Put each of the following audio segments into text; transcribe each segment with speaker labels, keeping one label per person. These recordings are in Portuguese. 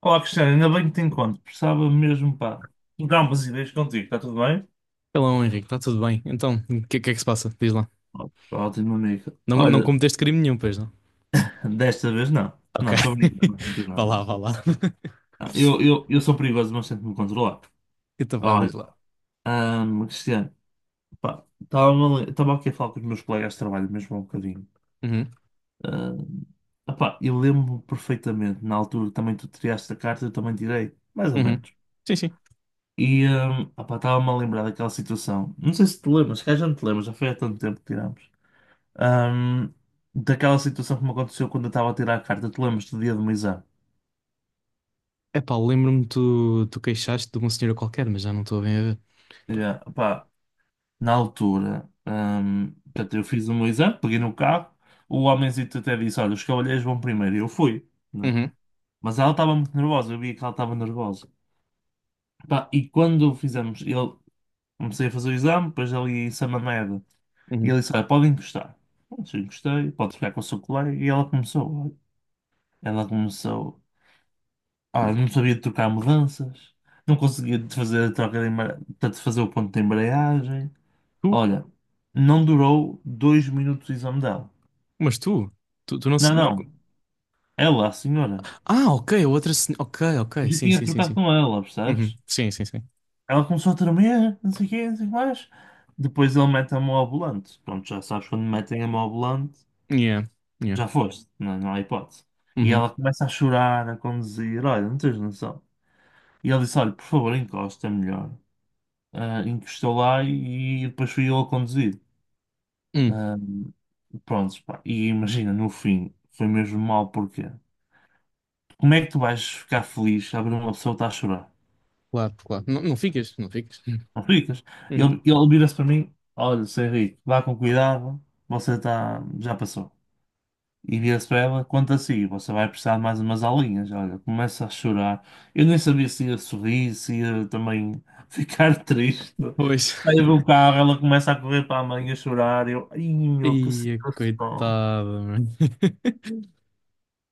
Speaker 1: Olá, Cristiano, ainda bem que te encontro. Precisava mesmo, pá, trocar umas ideias contigo. Está tudo bem?
Speaker 2: Hello, Henrique, está tudo bem? Então, o que, que é que se passa? Diz lá.
Speaker 1: Ótimo, amigo.
Speaker 2: Não, não
Speaker 1: Olha,
Speaker 2: cometeste crime nenhum, pois não?
Speaker 1: desta vez não.
Speaker 2: Ok.
Speaker 1: Não, estou brincando, não tem
Speaker 2: Vá
Speaker 1: nada.
Speaker 2: lá, vá lá.
Speaker 1: Não, Eu, eu, eu sou perigoso, mas tento me controlar.
Speaker 2: Então vá,
Speaker 1: Olha,
Speaker 2: diz lá.
Speaker 1: Cristiano, pá, estava aqui a falar com os meus colegas de trabalho mesmo há um bocadinho.
Speaker 2: Uhum,
Speaker 1: Ahm, opá, eu lembro-me perfeitamente, na altura que também tu tiraste a carta, eu também tirei, mais ou
Speaker 2: uhum.
Speaker 1: menos.
Speaker 2: Sim, sim.
Speaker 1: E opá, estava-me a lembrar daquela situação. Não sei se te lembras, se calhar já não te lembras, já foi há tanto tempo que tirámos. Ahm, daquela situação que me aconteceu quando eu estava a tirar a carta, te lembras do dia do meu exame?
Speaker 2: Epá, lembro-me tu queixaste de uma senhora qualquer, mas já não estou bem a ver.
Speaker 1: Yeah, pá, na altura, portanto, eu fiz o meu exame, peguei no carro, o homenzito até disse: "Olha, os cavalheiros vão primeiro", e eu fui, né?
Speaker 2: Uhum,
Speaker 1: Mas ela estava muito nervosa, eu via que ela estava nervosa. Pá, e quando fizemos, ele comecei a fazer o exame, depois ali em Samamed, e
Speaker 2: uhum.
Speaker 1: ele disse: "Olha, pode encostar." Pronto, eu encostei, pode ficar com o seu colega, e ela começou, olha, ela começou. Ah, não sabia trocar mudanças, não conseguia de fazer a troca de portanto, fazer o ponto de embreagem.
Speaker 2: Tu?
Speaker 1: Olha, não durou 2 minutos o exame dela.
Speaker 2: Mas tu? Tu não,
Speaker 1: Não,
Speaker 2: não.
Speaker 1: não, ela, a senhora.
Speaker 2: Ah, ok, a outra senhora. Ok, ok,
Speaker 1: Eu já
Speaker 2: sim,
Speaker 1: tinha
Speaker 2: sim, sim,
Speaker 1: trocado
Speaker 2: sim.
Speaker 1: com ela,
Speaker 2: Uhum.
Speaker 1: percebes?
Speaker 2: Sim, sim, sim.
Speaker 1: Ela começou a tremer, não sei o quê, não sei o que mais. Depois ele mete a mão ao volante. Pronto, já sabes, quando metem a mão ao volante,
Speaker 2: Yeah, yeah.
Speaker 1: já foste, não, não há hipótese. E
Speaker 2: Uhum.
Speaker 1: ela começa a chorar, a conduzir, olha, não tens noção. E ele disse: "Olha, por favor, encosta, é melhor." Em lá e depois fui eu a conduzir.
Speaker 2: Hum,
Speaker 1: Ah, pronto, pá. E imagina, no fim, foi mesmo mal, porque como é que tu vais ficar feliz a ver uma pessoa que está a chorar?
Speaker 2: Claro, claro. Não, não ficas, não ficas.
Speaker 1: Não ficas? Ele,
Speaker 2: Uhum.
Speaker 1: ele vira-se para mim: "Olha, seu Henrique, vá com cuidado, você está, já passou." E vira-se para ela, conta assim: "Você vai precisar de mais umas aulinhas." Olha, começa a chorar. Eu nem sabia se ia sorrir, se ia também ficar triste.
Speaker 2: Pois.
Speaker 1: Saio do carro, ela começa a correr para a mãe a chorar. Eu, ai meu, que
Speaker 2: Ia,
Speaker 1: situação.
Speaker 2: coitado, mano.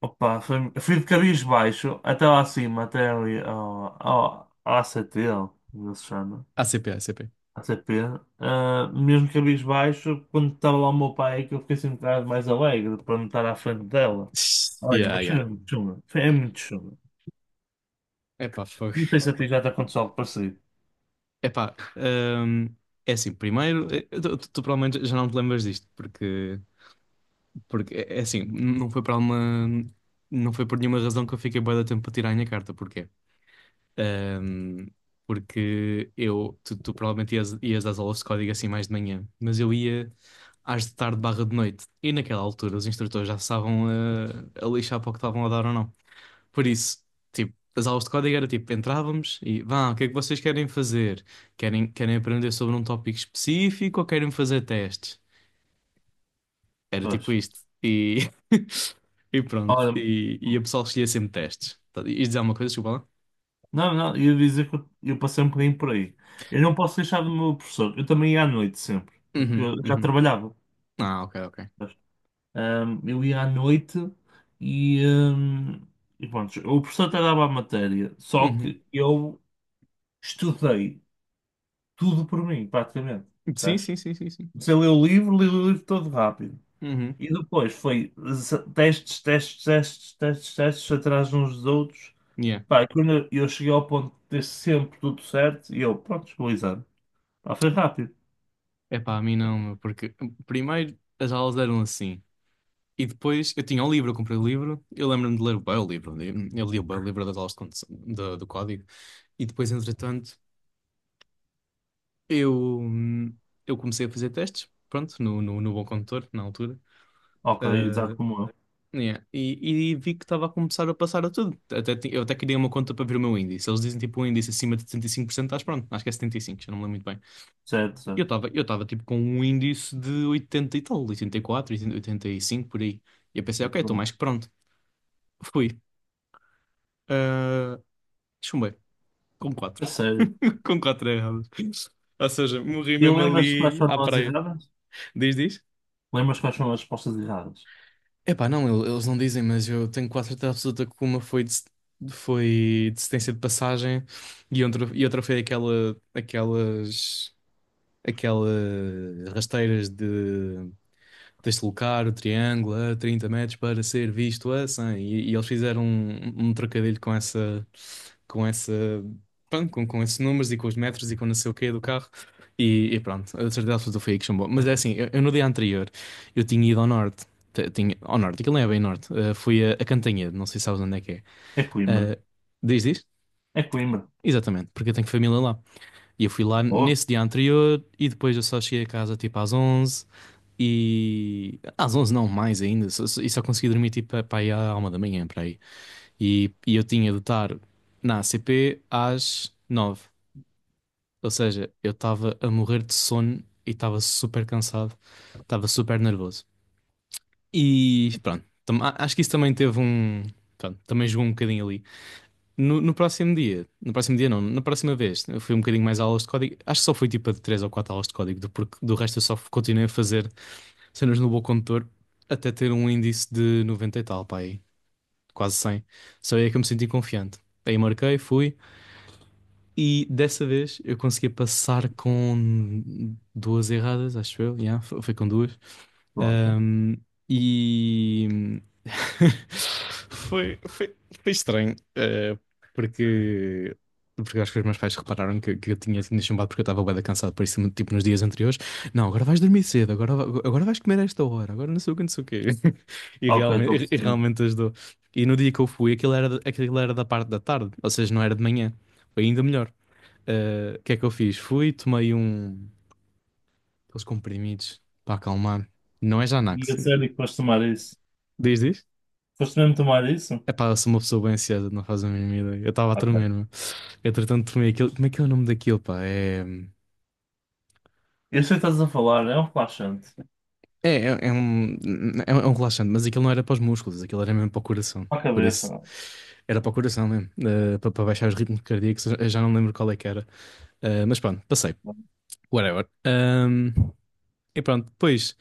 Speaker 1: Opa, fui de cabisbaixo até lá acima, até ali ao ACT, como ele se chama.
Speaker 2: ACP, ACP.
Speaker 1: ATP. Ah, mesmo cabisbaixo, quando estava lá o meu pai, é que eu fiquei assim um bocado mais alegre para não estar à frente dela. Olha,
Speaker 2: Yeah,
Speaker 1: mas foi
Speaker 2: yeah.
Speaker 1: muito chunga. É muito chunga.
Speaker 2: Epá, fogo.
Speaker 1: Não sei se a ti já te aconteceu algo parecido.
Speaker 2: Epá, é assim, primeiro, tu provavelmente já não te lembras disto, porque, porque é assim, não foi para uma, não foi por nenhuma razão que eu fiquei bué de tempo para tirar a minha carta, porquê? Hum, porque eu, tu provavelmente ias às aulas de código assim mais de manhã, mas eu ia às de tarde barra de noite, e naquela altura os instrutores já estavam a lixar para o que estavam a dar ou não. Por isso, tipo, as aulas de código era tipo, entrávamos e vá, o que é que vocês querem fazer? Querem aprender sobre um tópico específico ou querem fazer testes? Era
Speaker 1: Pois.
Speaker 2: tipo isto. E pronto.
Speaker 1: Olha,
Speaker 2: E o pessoal escolhia sempre testes. Ias dizer alguma coisa, desculpa lá?
Speaker 1: não, não, ia dizer que eu passei um bocadinho por aí. Eu não posso deixar do meu professor. Eu também ia à noite sempre, porque
Speaker 2: Uhum,
Speaker 1: eu já
Speaker 2: uhum.
Speaker 1: trabalhava.
Speaker 2: Ah, ok, ok.
Speaker 1: Pois. Eu ia à noite e, ahm, e pronto, o professor até dava a matéria, só
Speaker 2: Uhum.
Speaker 1: que eu estudei tudo por mim, praticamente,
Speaker 2: Sim,
Speaker 1: percebes?
Speaker 2: sim, sim, sim, sim.
Speaker 1: Comecei a ler o livro, li o livro todo rápido.
Speaker 2: Uhum.
Speaker 1: E depois foi testes, testes, testes, testes, testes atrás uns dos outros.
Speaker 2: Yeah.
Speaker 1: Pá, e quando eu cheguei ao ponto de ter sempre tudo certo, e eu, pronto, vou exame. Pá, foi rápido.
Speaker 2: Epá, a mim não, meu, porque primeiro as aulas eram assim. E depois eu tinha o livro, eu comprei o livro. Eu lembro-me de ler bem o livro. Eu li o bem o livro das aulas de do código. E depois, entretanto, eu, hum, eu comecei a fazer testes, pronto, no Bom Condutor, na altura.
Speaker 1: Ok, exato como eu.
Speaker 2: Ah, yeah. E vi que estava a começar a passar a tudo. Eu até criei uma conta para ver o meu índice. Eles dizem tipo um índice acima de 75%, estás pronto, acho que é 75%, já não me lembro muito bem.
Speaker 1: Certo,
Speaker 2: E eu
Speaker 1: certo.
Speaker 2: estava eu estava tipo com um índice de 80 e tal, 84, 80, 85, por aí. E eu pensei,
Speaker 1: Muito
Speaker 2: ok, estou
Speaker 1: bom.
Speaker 2: mais que pronto. Fui. Ah, chumbei, com
Speaker 1: A
Speaker 2: 4
Speaker 1: sério.
Speaker 2: com 4 errados. Ou seja, morri
Speaker 1: E
Speaker 2: mesmo
Speaker 1: lembras-te quais
Speaker 2: ali à
Speaker 1: foram as
Speaker 2: praia.
Speaker 1: erradas?
Speaker 2: Diz, diz?
Speaker 1: Lembras quais foram as respostas erradas?
Speaker 2: Epá, não, eles não dizem, mas eu tenho quase certeza absoluta que uma foi de, foi assistência de passagem e outra foi aquela, aquelas rasteiras de deslocar o triângulo a 30 metros para ser visto a 100. E eles fizeram um trocadilho com essa com essa, pronto, com esses números e com os metros e com não sei o quê do carro. E pronto, a certeza absoluta foi aí que chumbou. Mas é assim, eu no dia anterior, eu tinha ido ao norte. Tinha, ao norte, aquilo não é bem norte. Fui a, Cantanhede, não sei se sabes onde é que é.
Speaker 1: É Coimbra.
Speaker 2: Eh, diz, diz?
Speaker 1: É Coimbra.
Speaker 2: Exatamente, porque eu tenho família lá. E eu fui lá
Speaker 1: Boa.
Speaker 2: nesse dia anterior e depois eu só cheguei a casa tipo às 11 Às 11 não, mais ainda. Só consegui dormir tipo para aí à uma da manhã, para aí. E eu tinha de estar na ACP às 9. Ou seja, eu estava a morrer de sono e estava super cansado, estava super nervoso. E pronto, acho que isso também teve um. Pronto, também jogou um bocadinho ali. No próximo dia, no próximo dia não, na próxima vez, eu fui um bocadinho mais a aulas de código. Acho que só fui tipo a de 3 ou 4 aulas de código, porque do resto eu só continuei a fazer cenas no Bom Condutor até ter um índice de 90 e tal, pá, aí, quase 100. Só aí é que eu me senti confiante. Aí marquei, fui. E dessa vez eu consegui passar com duas erradas, acho eu. Yeah, foi com duas.
Speaker 1: Pronto.
Speaker 2: Ahm, e foi, foi, foi estranho, porque, porque acho que os meus pais repararam que eu tinha sido chumbado porque eu estava bué da cansado, por isso, tipo, nos dias anteriores, não, agora vais dormir cedo, agora, agora vais comer a esta hora, agora não sei o que, não sei o quê. E
Speaker 1: Ok, estou a
Speaker 2: realmente, e
Speaker 1: perceber.
Speaker 2: realmente ajudou. E no dia que eu fui, aquilo era, da parte da tarde, ou seja, não era de manhã, foi ainda melhor. O que é que eu fiz? Fui, tomei aqueles comprimidos para acalmar. Não é
Speaker 1: E
Speaker 2: Xanax.
Speaker 1: a sério que foste tomar isso?
Speaker 2: Diz, diz?
Speaker 1: Foste mesmo tomar isso?
Speaker 2: É pá, eu sou uma pessoa bem ansiosa, não faz a mínima ideia. Eu estava a
Speaker 1: Ok.
Speaker 2: tremer-me. Entretanto, tomei aquilo. Como é que é o nome daquilo, pá? É.
Speaker 1: Eu sei o que estás a falar, é um relaxante.
Speaker 2: É, é, é um, é um relaxante, mas aquilo não era para os músculos, aquilo era mesmo para o coração.
Speaker 1: Para a
Speaker 2: Por isso,
Speaker 1: cabeça.
Speaker 2: era para o coração mesmo, para baixar os ritmos cardíacos. Eu já não lembro qual é que era. Mas pronto, passei. Whatever. E pronto, depois,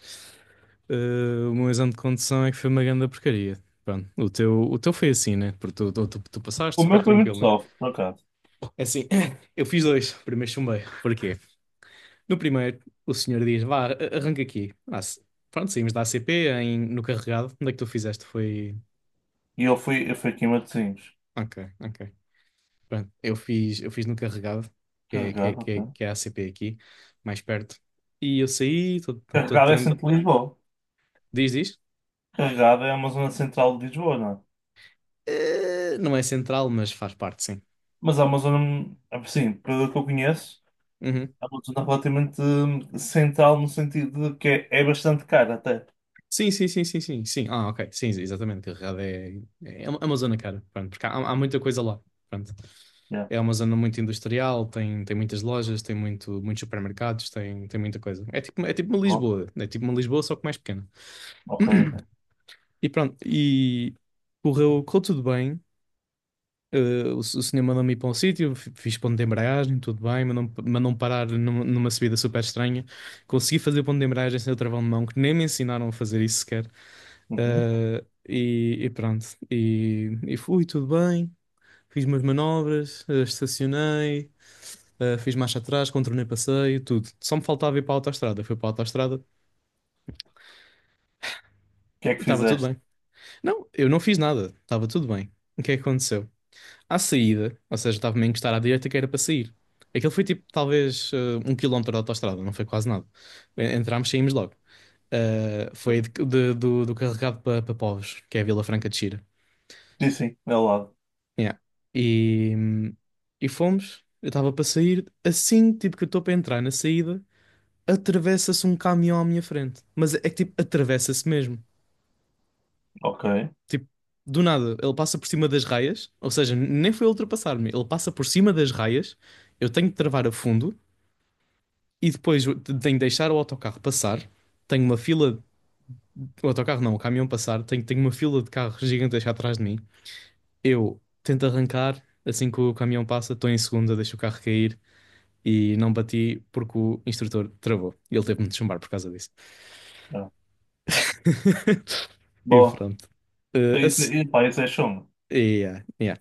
Speaker 2: eh, o meu exame de condução é que foi uma grande porcaria. Pronto, o teu foi assim, né? Porque tu passaste
Speaker 1: O
Speaker 2: super
Speaker 1: meu foi muito
Speaker 2: tranquilo, né?
Speaker 1: soft, por acaso.
Speaker 2: É assim, eu fiz dois, o primeiro chumbei. Porquê? No primeiro, o senhor diz, vá, arranca aqui. Ah, pronto, saímos da ACP no Carregado. Onde é que tu fizeste?
Speaker 1: E eu fui aqui em Matosinhos.
Speaker 2: Ok, ok. Pronto, eu fiz no Carregado, que é, que é,
Speaker 1: Carregado,
Speaker 2: que é,
Speaker 1: ok.
Speaker 2: que é a ACP aqui, mais perto. E eu saí, todo todo
Speaker 1: Carregado é
Speaker 2: tran-
Speaker 1: centro de Lisboa.
Speaker 2: Diz, diz?
Speaker 1: Carregado é uma zona central de Lisboa, não é?
Speaker 2: Não é central, mas faz parte, sim.
Speaker 1: Mas é uma zona, assim, pelo que eu conheço,
Speaker 2: Uhum.
Speaker 1: é uma zona relativamente central no sentido de que é, é bastante cara até.
Speaker 2: Sim, sim, sim, sim, sim, sim. Ah, ok. Sim, exatamente. Carregado é, é, é, uma é uma zona cara. Pronto, porque há muita coisa lá. Pronto.
Speaker 1: Yeah.
Speaker 2: É uma zona muito industrial, tem muitas lojas, tem muitos supermercados, tem muita coisa. É tipo uma
Speaker 1: Bom,
Speaker 2: Lisboa, é tipo uma Lisboa, só que mais pequena.
Speaker 1: ok, ok.
Speaker 2: E pronto, e correu tudo bem. O senhor mandou-me ir para um sítio, fiz ponto de embreagem, tudo bem, mandou-me mandou parar numa subida super estranha. Consegui fazer ponto de embreagem sem o travão de mão, que nem me ensinaram a fazer isso sequer.
Speaker 1: Uhum. O
Speaker 2: Ah, e pronto. E fui, tudo bem. Fiz umas manobras, estacionei, fiz marcha atrás, contornei passeio, tudo. Só me faltava ir para a autoestrada. Fui para a autoestrada
Speaker 1: que é
Speaker 2: e
Speaker 1: que
Speaker 2: estava tudo
Speaker 1: fizeste?
Speaker 2: bem. Não, eu não fiz nada. Estava tudo bem. O que é que aconteceu? À saída, ou seja, estava-me a encostar à direita que era para sair. Aquilo foi tipo talvez um quilómetro da autoestrada, não foi quase nada. Entramos, saímos logo. Ah, foi do Carregado para Povos, que é a Vila Franca de Xira.
Speaker 1: Sim, sim, é ao lado.
Speaker 2: Yeah. E, e fomos. Eu estava para sair. Assim, tipo, que eu estou para entrar na saída, atravessa-se um caminhão à minha frente. Mas é que, tipo, atravessa-se mesmo.
Speaker 1: Ok.
Speaker 2: Tipo, do nada, ele passa por cima das raias. Ou seja, nem foi ultrapassar-me. Ele passa por cima das raias. Eu tenho que travar a fundo. E depois eu tenho que deixar o autocarro passar. Tenho uma fila. O autocarro não, o caminhão passar. Tenho uma fila de carros gigantesca atrás de mim. Eu tento arrancar. Assim que o caminhão passa, estou em segunda, deixo o carro cair. E não bati porque o instrutor travou. E ele teve-me de chumbar por causa disso.
Speaker 1: Yeah.
Speaker 2: E
Speaker 1: Bom,
Speaker 2: pronto. Eh, a
Speaker 1: isso,
Speaker 2: s-
Speaker 1: e, pá, isso é chumbo.
Speaker 2: yeah, yeah.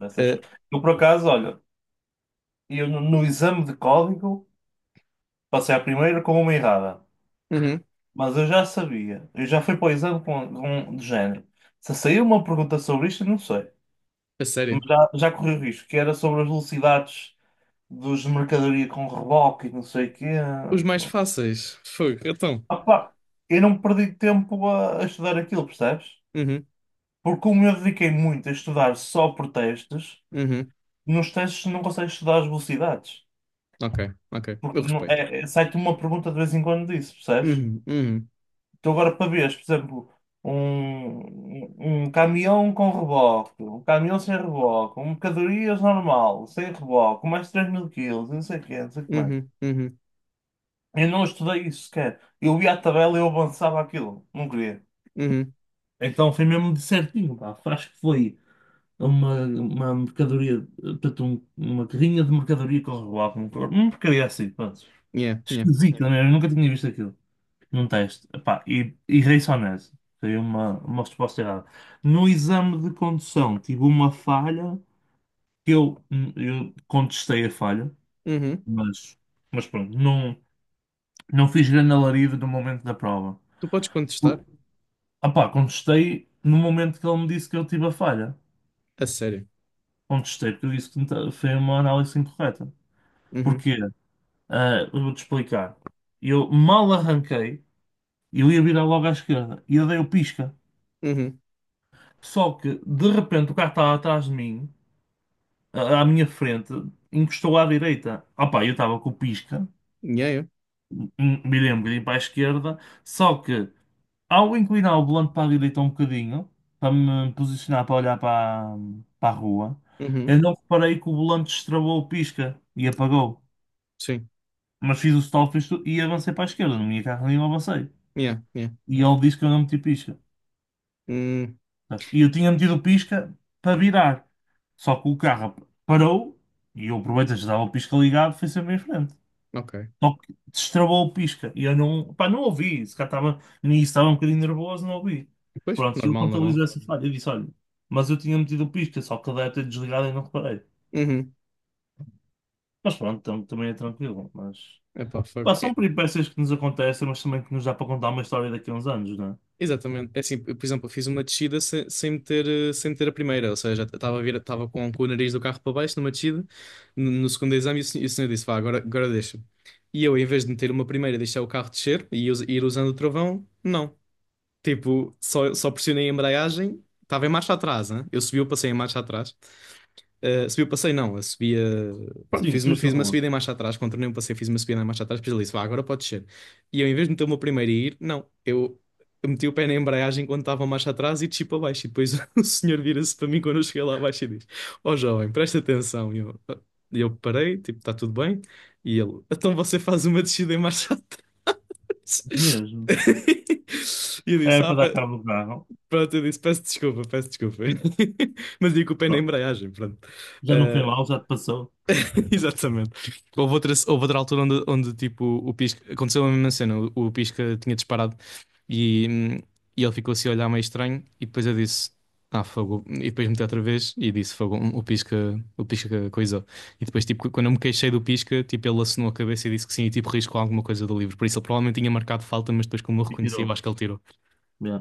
Speaker 1: Isso é
Speaker 2: Eh,
Speaker 1: chumbo. Eu, por acaso, olha, e eu, no, no exame de código, passei à primeira com uma errada.
Speaker 2: uhum.
Speaker 1: Mas eu já sabia. Eu já fui para o exame com, de género. Se saiu uma pergunta sobre isto, eu não sei.
Speaker 2: A
Speaker 1: Mas
Speaker 2: sério.
Speaker 1: já, já corri o risco, que era sobre as velocidades dos de mercadoria com reboque e não sei o quê.
Speaker 2: Os mais fáceis. Fogo, então.
Speaker 1: Opa, eu não perdi tempo a estudar aquilo, percebes?
Speaker 2: Uhum,
Speaker 1: Porque como eu dediquei muito a estudar só por testes,
Speaker 2: uhum.
Speaker 1: nos testes não consegues estudar as velocidades.
Speaker 2: Ok, ok. Eu
Speaker 1: Porque não-
Speaker 2: respeito.
Speaker 1: é, é- sai-te uma pergunta de vez em quando disso, percebes?
Speaker 2: Uhum, uhum,
Speaker 1: Tu agora para veres, por exemplo, um, um caminhão com reboque, um caminhão sem reboque, um mercadorias normal, sem reboque, mais 3000 quilos, não sei o quê, não sei o que mais.
Speaker 2: uhum, uhum,
Speaker 1: Eu não estudei isso sequer. Eu via a tabela e eu avançava aquilo, não queria.
Speaker 2: uhum,
Speaker 1: Então foi mesmo de certinho, pá. Acho que foi uma mercadoria, portanto, um- uma carrinha de mercadoria com reboque, um porcaria assim, pronto.
Speaker 2: yeah, yeah,
Speaker 1: Esquisito, não é? Eu nunca tinha visto aquilo num teste. Epá, e errei só nessa. Foi uma resposta errada. No exame de condução, tive uma falha que eu contestei a falha,
Speaker 2: uhum.
Speaker 1: mas, mas pronto, não, não fiz grande alarido no momento da prova.
Speaker 2: Tu podes
Speaker 1: Por-
Speaker 2: contestar?
Speaker 1: Epá, contestei no momento que ele me disse que eu tive a falha.
Speaker 2: A sério.
Speaker 1: Contestei porque eu disse que não ta- foi uma análise incorreta.
Speaker 2: Uhum,
Speaker 1: Porquê? Ah, eu vou-te explicar. Eu mal arranquei, eu ia virar logo à esquerda e eu dei o pisca.
Speaker 2: uhum,
Speaker 1: Só que, de repente, o carro estava atrás de mim, à minha frente, encostou à direita. Opa, eu estava com o pisca,
Speaker 2: yeah, yeah,
Speaker 1: virei um bocadinho para a esquerda, só que, ao inclinar o volante para a direita um bocadinho, para me posicionar para olhar para, para a rua,
Speaker 2: uhum,
Speaker 1: eu não reparei que o volante destravou o pisca e apagou.
Speaker 2: sim,
Speaker 1: Mas fiz o stop, fiz tudo, e avancei para a esquerda, no meu carro nenhum avancei.
Speaker 2: yeah, yeah,
Speaker 1: E ele disse que eu não meti pisca.
Speaker 2: uhum.
Speaker 1: Sabes? E eu tinha metido o pisca para virar. Só que o carro parou e eu aproveitei, já dava o pisca ligado, fui sempre em frente.
Speaker 2: Ok.
Speaker 1: Só que destravou o pisca e eu não, pá, não ouvi. Se cá estava nisso, estava um bocadinho nervoso, não ouvi.
Speaker 2: Depois?
Speaker 1: Pronto, e ele
Speaker 2: Normal, normal.
Speaker 1: contabilizou essa falha. Eu disse: "Olha, mas eu tinha metido o pisca, só que ele deve ter desligado e não reparei."
Speaker 2: Uhum.
Speaker 1: Mas pronto, também é tranquilo. Mas
Speaker 2: Epá, fogo.
Speaker 1: pá, são peripécias que nos acontecem, mas também que nos dá para contar uma história daqui a uns anos, não é?
Speaker 2: Exatamente. É assim, eu, por exemplo, eu fiz uma descida sem meter a primeira, ou seja, estava a vir, estava com o nariz do carro para baixo numa descida, no segundo exame, e o senhor disse, vá, agora deixa. E eu, em vez de meter uma primeira, deixar o carro descer e ir usando o travão, não. Tipo, só pressionei a embreagem, estava em marcha atrás, hein? Eu subi, eu passei em marcha atrás. Subi o passeio, não, eu subia. Pronto,
Speaker 1: Sim,
Speaker 2: fiz uma,
Speaker 1: subiste a
Speaker 2: fiz uma
Speaker 1: rua.
Speaker 2: subida em marcha atrás, contornei um passeio, fiz uma subida em marcha atrás, depois ele disse, vá, agora pode descer. E eu, em vez de meter o meu primeiro a ir, não, eu meti o pé na embreagem quando estava a marcha atrás e desci para baixo. E depois o senhor vira-se para mim quando eu cheguei lá abaixo e diz: Ó jovem, presta atenção. E eu, "Ah." E eu parei, tipo, está tudo bem. E ele, então você faz uma descida em marcha atrás.
Speaker 1: Mesmo.
Speaker 2: E eu disse,
Speaker 1: Era para dar cabo do carro.
Speaker 2: pronto, eu disse, peço desculpa, peço desculpa. Mas digo o pé na
Speaker 1: Pronto.
Speaker 2: embreagem, pronto.
Speaker 1: Já não foi
Speaker 2: Eh,
Speaker 1: mal, já te passou
Speaker 2: Exatamente. Houve outra altura onde tipo, o Pisca. Aconteceu a mesma cena. O Pisca tinha disparado e, hum, e ele ficou assim a olhar meio estranho. E depois eu disse: Ah, fogo. E depois meti outra vez e disse: Fogo, o Pisca coisou. E depois, tipo, quando eu me queixei do Pisca, tipo, ele assinou a cabeça e disse que sim. E tipo, riscou alguma coisa do livro. Por isso, ele provavelmente tinha marcado falta, mas depois, como eu
Speaker 1: e
Speaker 2: reconheci, eu
Speaker 1: tirou.
Speaker 2: acho que ele tirou.
Speaker 1: Yeah.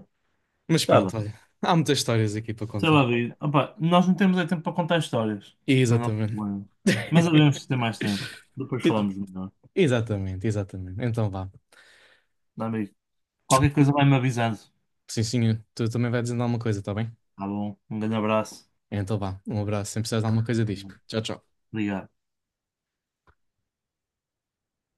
Speaker 2: Mas
Speaker 1: Tá bem.
Speaker 2: pronto, olha. Há muitas histórias aqui para
Speaker 1: Sei lá,
Speaker 2: contar.
Speaker 1: David. Opa, nós não temos é tempo para contar histórias. Mas não tem
Speaker 2: Exatamente.
Speaker 1: problema. Mas devemos ter mais tempo. Depois falamos melhor.
Speaker 2: Exatamente, exatamente. Então vá.
Speaker 1: Dá, amigo, qualquer coisa vai-me avisando.
Speaker 2: Sim, sim, tu também vai dizendo alguma coisa, tá bem?
Speaker 1: Tá bom. Um grande abraço.
Speaker 2: Então vá, um abraço. Sempre precisas de alguma coisa, diz. Tchau, tchau.
Speaker 1: Obrigado.